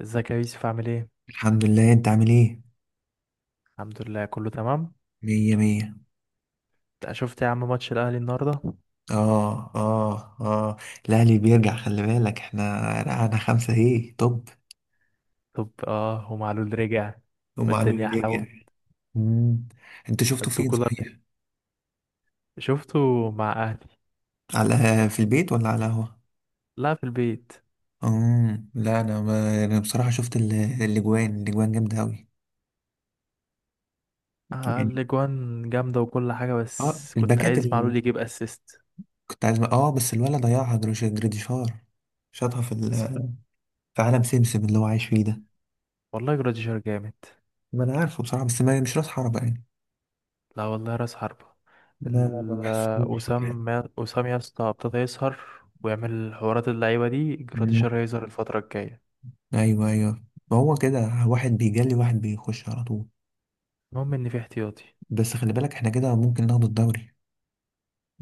ازيك يا يوسف عامل ايه؟ الحمد لله، انت عامل ايه؟ الحمد لله كله تمام. مية مية. انت شفت يا عم ماتش الاهلي النهارده؟ اه اه اه. الاهلي بيرجع، خلي بالك احنا رقعنا 5. ايه طب، طب اه ومعلول رجع هم قالوا والدنيا لي احلى أوي. يرجع. مم. انت شفته انتوا فين كولر صحيح؟ شفتوا مع اهلي؟ على، في البيت ولا على القهوة؟ لا في البيت. لا انا ما انا بصراحة شفت الاجوان جامدة اوي. آه يعني، الاجوان جامده وكل حاجه، اه بس كنت الباكات عايز اللي معلول يجيب اسيست. كنت عايز، اه بس الولد ضيعها جريديشار، شاطها في بس في عالم سمسم اللي هو عايش فيه ده. والله جراديشار جامد. ما انا عارفه بصراحة، بس ما مش راس حربة يعني، لا والله راس حربه. ما ال- بحسوش. وسام، وسام يا اسطى ابتدى يسهر ويعمل حوارات، اللعيبه دي مم. جراديشار هيظهر الفتره الجايه. ايوه ايوه، هو كده، واحد بيجلي واحد بيخش على طول. المهم ان في احتياطي. بس خلي بالك احنا كده ممكن ناخد الدوري.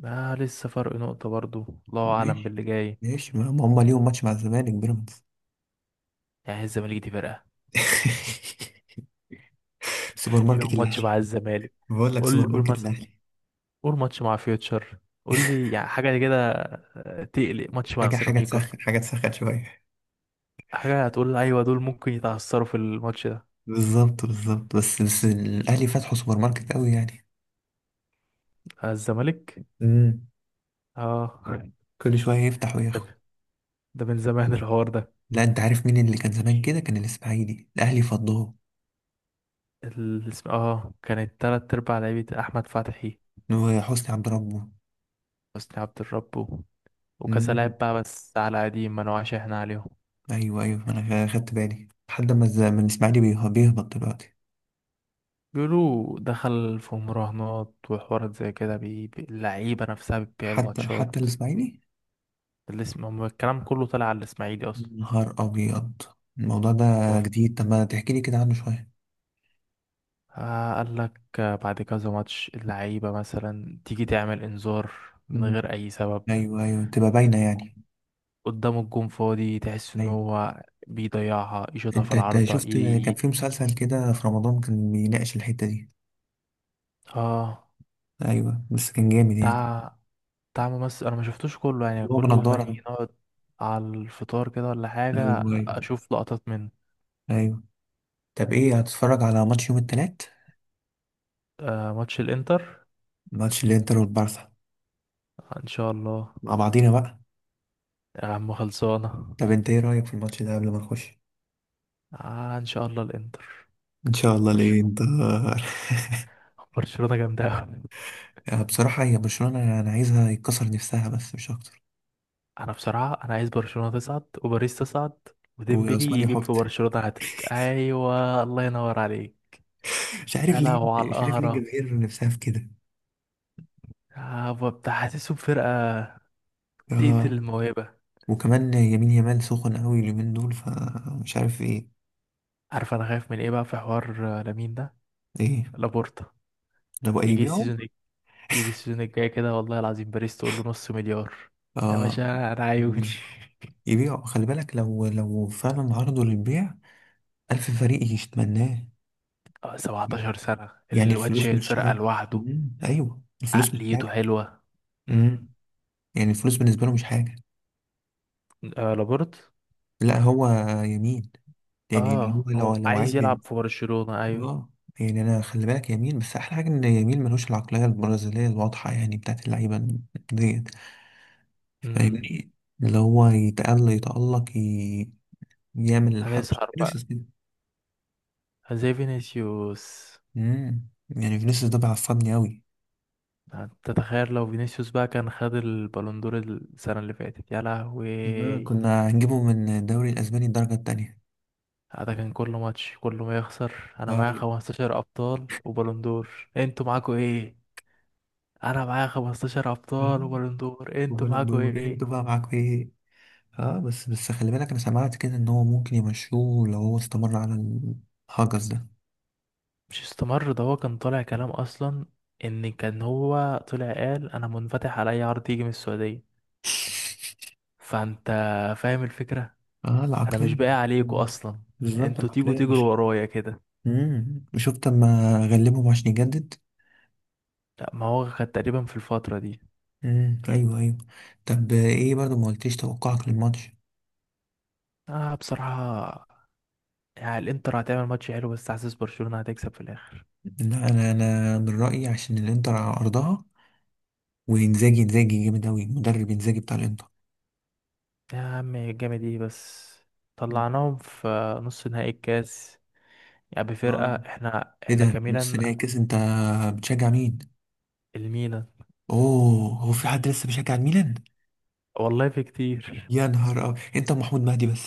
آه لسه فرق نقطة برضو، الله أعلم ماشي باللي جاي. ماشي، ما ما هم ليهم ماتش مع الزمالك بيراميدز. يعني الزمالك دي فرقة؟ سوبر لو ماركت ماتش مع الاهلي. الزمالك، بقول لك سوبر قول قول ماركت مس... الاهلي. قول ماتش مع فيوتشر، قول لي يعني حاجة كده. آه، تقلق ماتش مع حاجه حاجه سيراميكا، تسخن حاجه تسخن شويه. حاجة هتقول أيوة دول ممكن يتعثروا في الماتش ده. بالظبط بالظبط، بس الاهلي فتحوا سوبر ماركت قوي يعني. آه، الزمالك. امم. اه. كل شويه يفتح وياخد. ده, ده من زمان الحوار ده. لا، انت عارف مين اللي كان زمان كده؟ كان الاسماعيلي الاهلي فضاه، اه كانت تلات أرباع لعيبة أحمد فتحي، وحسني عبد حسني عبد الرب وكذا ربه. لاعب بقى، بس على قديم ما نوعش احنا عليهم. ايوه ايوه، انا خدت بالي لحد ما من الاسماعيلي بيهبط دلوقتي. بيقولوا دخل في مراهنات وحوارات زي كده، اللعيبة نفسها بتبيع حتى الماتشات. الاسماعيلي؟ الكلام كله طلع على الإسماعيلي أصلا. نهار ابيض، الموضوع ده هو ف- جديد. طب ما تحكي لي كده عنه شويه. آه قال لك بعد كذا ماتش اللعيبة مثلا تيجي تعمل إنذار من مم. غير أي سبب، ايوه ايوه، تبقى باينه يعني. قدام الجون فاضي تحس إن ايوه، هو بيضيعها يشوطها في انت العارضة شفت كان في مسلسل كده في رمضان كان بيناقش الحته دي؟ آه. ايوه، بس كان جامد يعني. بتاع بتاع ممثل أنا ما شفتوش كله، يعني اللي هو كل ما بنضاره نيجي ده. نقعد على الفطار كده ولا حاجة ايوه ايوه. أشوف لقطات منه. ايوه. طب ايه، هتتفرج على ماتش يوم التلات؟ آه ماتش الانتر. ماتش الانتر والبارسا، آه، ان شاء الله. مع بعضينا بقى. يا عم خلصانه. طب انت ايه رايك في الماتش ده قبل ما نخش؟ آه ان شاء الله الانتر. ان شاء الله، ليه برشلونه، انت؟ برشلونه جامده أوي. بصراحه، هي برشلونه انا عايزها يتكسر نفسها بس مش اكتر. انا بصراحه عايز برشلونه تصعد وباريس تصعد، وديمبلي وعثمان يجيب يحط. في برشلونه هاتريك، ايوه الله ينور عليك. مش عارف يا ليه، لهوي على مش عارف ليه القهره. الجماهير نفسها في كده. آه بتاع حاسسهم فرقه تقتل آه. الموهبه. وكمان يمين يمال سخن قوي اليومين دول، فمش عارف ايه. عارف انا خايف من ايه بقى في حوار؟ آه، لامين ده، ايه، لابورتا لو يجي هيبيعوا؟ السيزون، يجي السيزون الجاي كده والله العظيم باريس تقول له نص مليار، يا اه باشا انا عيوني. يبيعوا. يبيعوا، خلي بالك لو فعلا عرضوا للبيع، ألف فريق يتمناه. آه، 17 سنة يعني الواد الفلوس شايل مش الفرقة حاجة. لوحده. أيوه، الفلوس مش عقليته حاجة. حلوة. مم. امم. يعني الفلوس بالنسبة له مش حاجة. آه لابورت، لا هو يمين، يعني اللي اه هو لو هو لو عايز عايز يلعب في برشلونة ايوه. اه. يعني انا خلي بالك يمين، بس احلى حاجه ان يمين ملوش العقليه البرازيليه الواضحه يعني بتاعت اللعيبه ديت، امم. فاهمني؟ اللي هو يتألق يتألق يعمل الحركه هنسهر بقى فينيسيوس كده. زي فينيسيوس. امم، يعني فينيسيوس ده بيعصبني قوي. تتخيل لو فينيسيوس بقى كان خد البالون دور السنة اللي فاتت؟ يا لهوي. آه، كنا هنجيبه من الدوري الاسباني الدرجه التانية. ده كان كل ماتش كل ما يخسر، انا معايا طيب. 15 ابطال وبالون دور، انتوا معاكوا ايه؟ انا معايا 15 ابطال آه، وبالون دور، انتوا وبلد معاكوا دور، ايه؟ انتوا بقى معاكوا ايه؟ اه بس خلي بالك، انا سمعت كده ان هو ممكن يمشوه لو هو استمر على الهجس ده. مش استمر، ده هو كان طالع كلام اصلا. ان كان هو طلع قال انا منفتح على اي عرض يجي من السعوديه، فانت فاهم الفكره. اه، انا مش العقلية باقي عليكم برضه. اصلا، بالظبط، انتوا تيجوا العقلية تجروا مش... ورايا كده. وشفت اما غلبهم عشان يجدد. لا ما هو كان تقريبا في الفتره دي. ايوه ايوه. طب ايه برضه، ما قلتيش توقعك للماتش. اه بصراحه يعني الانتر هتعمل ماتش حلو، بس حاسس برشلونه هتكسب في الاخر. لا انا، من رأيي عشان الانتر على ارضها. انزاجي جامد اوي، مدرب انزاجي بتاع الانتر. يا عم الجامد ايه بس؟ مم. طلعناهم في نص نهائي الكاس، يعني اه. بفرقه احنا ايه احنا ده، نص نهائي كميلا. كاس؟ انت بتشجع مين؟ الميلان. اوه، هو في حد لسه بيشجع الميلان؟ والله في كتير. يا نهار أبيض، انت ومحمود مهدي بس.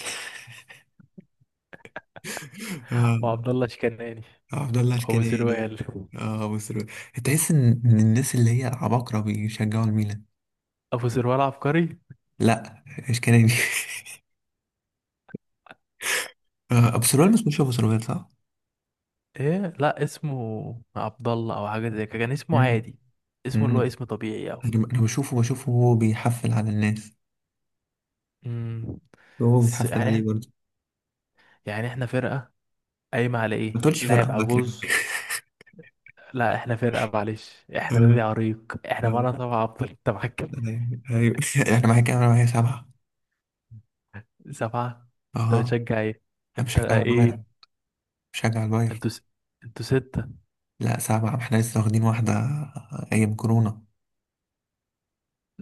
آه. وعبد الله شكناني، آه، عبد الله ابو الكناني. سروال. اه مصر. تحس ان الناس اللي هي عباقرة بيشجعوا الميلان. ابو سروال عبقري. لا، الكناني. آه، ابو سروال. بس مش ابو سروال، صح؟ ايه لا اسمه عبد الله او حاجه زي كده، كان اسمه مم. عادي، اسمه اللي هو مم. اسم طبيعي او انا بشوفه، هو بيحفل على الناس، امم. وهو بس بيحفل يعني عليه احنا، برضه. يعني احنا فرقه قايمه على ما ايه؟ تقولش فرق، لاعب الله عجوز. يكرمك. لا احنا فرقه معلش، احنا آه. نادي عريق، احنا آه. معانا سبعه افضل، انت معاك كام؟ ايوه ايوه. انا معاك، انا معايا 7. سبعه. انت اها، بتشجع ايه؟ انا انت بشجع ايه؟ البايرن، بشجع البايرن انتوا س... انتوا سته. لا سبعة، احنا لسه واخدين واحدة ايام كورونا.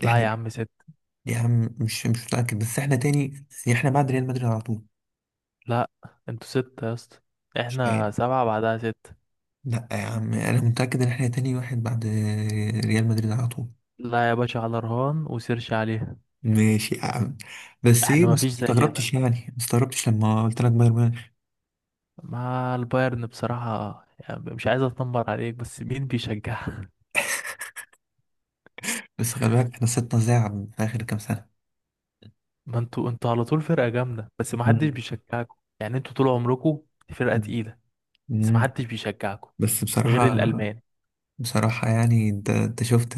لا احنا يا عم سته. يا عم، مش متأكد بس احنا تاني، احنا بعد ريال مدريد على طول. لا انتوا سته يا اسطى، مش احنا يعني. سبعه بعدها سته. لا يا عم، انا متأكد ان احنا تاني واحد بعد ريال مدريد على طول. لا يا باشا على رهان وسيرش عليها. ماشي يا عم. بس احنا ايه، ما فيش ما زي ده، استغربتش يعني، ما استغربتش لما قلت لك بايرن ميونخ. مع البايرن بصراحة يعني مش عايز اتنمر عليك، بس مين بيشجعها؟ بس خلي بالك احنا سيبنا زعل في اخر كام سنة. ما انتوا على طول فرقة جامدة، بس ما حدش مم. بيشجعكم، يعني انتوا طول عمركم فرقة مم. تقيلة، بس ما مم. حدش بيشجعكم بس غير بصراحة، الألمان. بصراحة يعني، انت شفت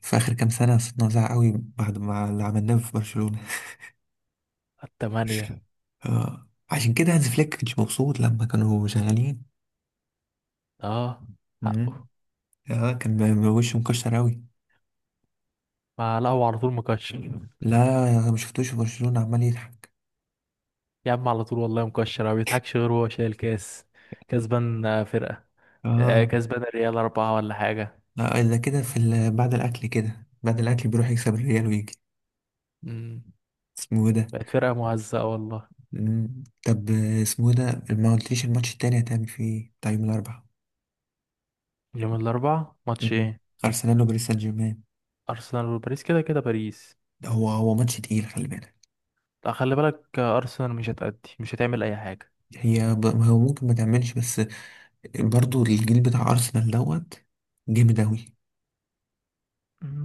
في اخر كام سنة صرنا زعل قوي بعد ما اللي عملناه في برشلونة. التمانية. آه. عشان كده هانز فليك كانش مبسوط لما كانوا شغالين. اه حقه. مم. اه، كان وشه مكشر أوي. ما لا هو على طول مكشر. لا، أنا ما شفتوش في برشلونة عمال يضحك. يا عم على طول والله مكشر، ما بيضحكش غير وهو شايل كاس. كسبان، آه، فرقة، آه، اه. كسبان الريال أربعة ولا حاجة. لا، إلا كده بعد الأكل كده، بعد الأكل بيروح يكسب الريال ويجي. مم. اسمه إيه ده؟ بقت فرقة مهزأة والله. طب، آه، اسمه إيه ده؟ ما قلتليش الماتش التاني هتعمل فيه إيه بتاع يوم الأربعاء. يوم الأربعاء ماتش مم. ايه؟ أرسنال وباريس سان جيرمان. ارسنال وباريس، كده كده باريس. ده هو ماتش تقيل، خلي بالك. لا خلي بالك، آه، ارسنال مش هتأدي، مش هتعمل اي حاجه. هو ممكن ما تعملش، بس برضو الجيل بتاع أرسنال دوت جامد أوي.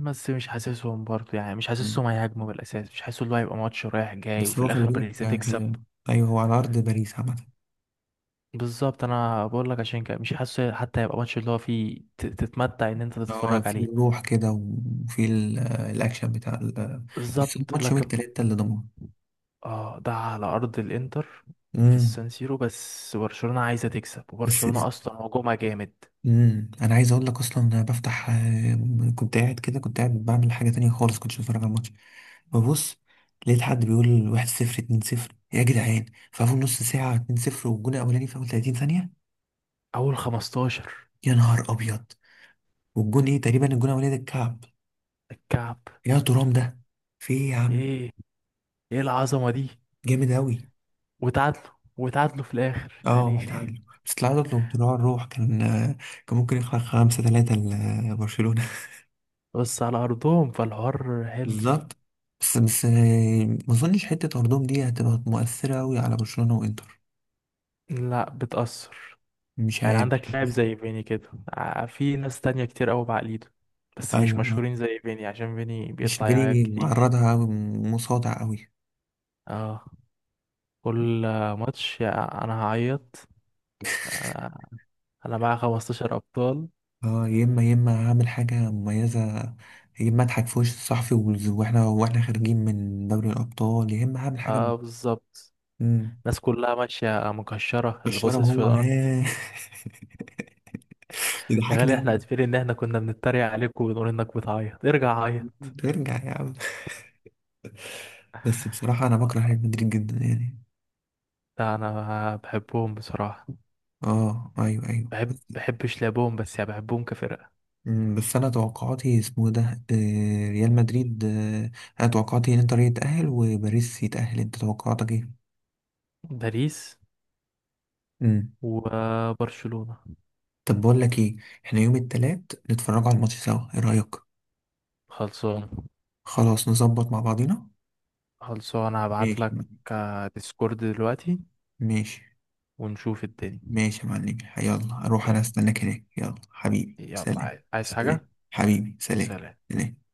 بس مش حاسسهم برضه، يعني مش مم. حاسسهم هيهاجموا بالاساس، مش حاسس اللي هو هيبقى ماتش رايح جاي، بس وفي هو خلي الاخر باريس بالك، آه، هتكسب. أيوه، هو على أرض باريس عامة. بالظبط انا بقول لك عشان كده مش حاسه حتى هيبقى ماتش اللي هو فيه تتمتع ان انت هو تتفرج في عليه. الروح كده، وفي آه، الأكشن بتاع آه... بس بالظبط الماتش يوم لكن التلاتة اللي ضمنه. اه ده على ارض الانتر، في امم. السان سيرو، بس برشلونه عايزه تكسب، بس وبرشلونه اصلا هجومها جامد. امم، أنا عايز أقول لك أصلا، أنا بفتح، آه، كنت قاعد كده، كنت قاعد بعمل حاجة تانية خالص، كنتش بتفرج على الماتش. ببص، لقيت حد بيقول 1-0، اتنين صفر يا جدعان. في أول نص ساعة 2-0، والجون الأولاني في أول 30 ثانية. اول 15. يا نهار أبيض. والجون إيه تقريبا، الجون الأولاني ده الكعب؟ الكعب. يا ترام، ده في إيه يا عم؟ ايه، ايه العظمه دي؟ جامد أوي. وتعادلوا وتعادلوا في الاخر يعني. اه تعادلوا. بس التعادل لو بتروح الروح، كان ممكن يخلق 5-3 لبرشلونة. بس على ارضهم فالحوار حلو. بالظبط. بس ما اظنش حتة ارضهم دي هتبقى مؤثرة أوي على برشلونة وانتر. لا بتأثر، مش يعني عارف. عندك لاعب زي فيني كده، في ناس تانية كتير قوي بعقليته، بس مش ايوه، مشهورين زي فيني، عشان فيني مش بيطلع يعيط جاني كتير. معرضها أوي، مصادع أوي. اه كل ماتش انا هعيط. انا معايا 15 ابطال. اه، يا اما هعمل حاجة مميزة، يا اما اضحك في وش الصحفي واحنا خارجين من دوري الابطال، يا اما هعمل حاجة اه بالظبط. مم. الناس كلها ماشية مكشرة، اللي بالشرب باصص في هو الارض. ها. يا يضحكني غالي احنا أوي. عارفين ان احنا كنا بنتريق عليك ونقول انك بتعيط، ارجع عيط. ترجع يا عم. بس بصراحة أنا بكره ريال مدريد جدا يعني. لا انا بحبهم بصراحة. اه ايوه ايوه بحب بس, بحبش لعبهم، بس يعني بحبهم كفرقة. مم، بس انا توقعاتي اسمه ده، آه، ريال مدريد، آه، انا توقعاتي ان انتر يتأهل وباريس يتأهل. انت توقعاتك ايه؟ باريس امم. وبرشلونة. طب بقول لك ايه، احنا يوم التلات نتفرجوا على الماتش سوا، ايه رأيك؟ خلصان. خلاص نظبط مع بعضينا. خلصان هبعت ماشي يا لك معلم. ديسكورد دلوقتي، ماشي. ونشوف الدنيا. ماشي يا معلم، يلا اروح ي- انا استناك هناك، يلا حبيبي يلا، سلام. عايز سلام حاجة؟ حبيبي سلام. سلام. سلام.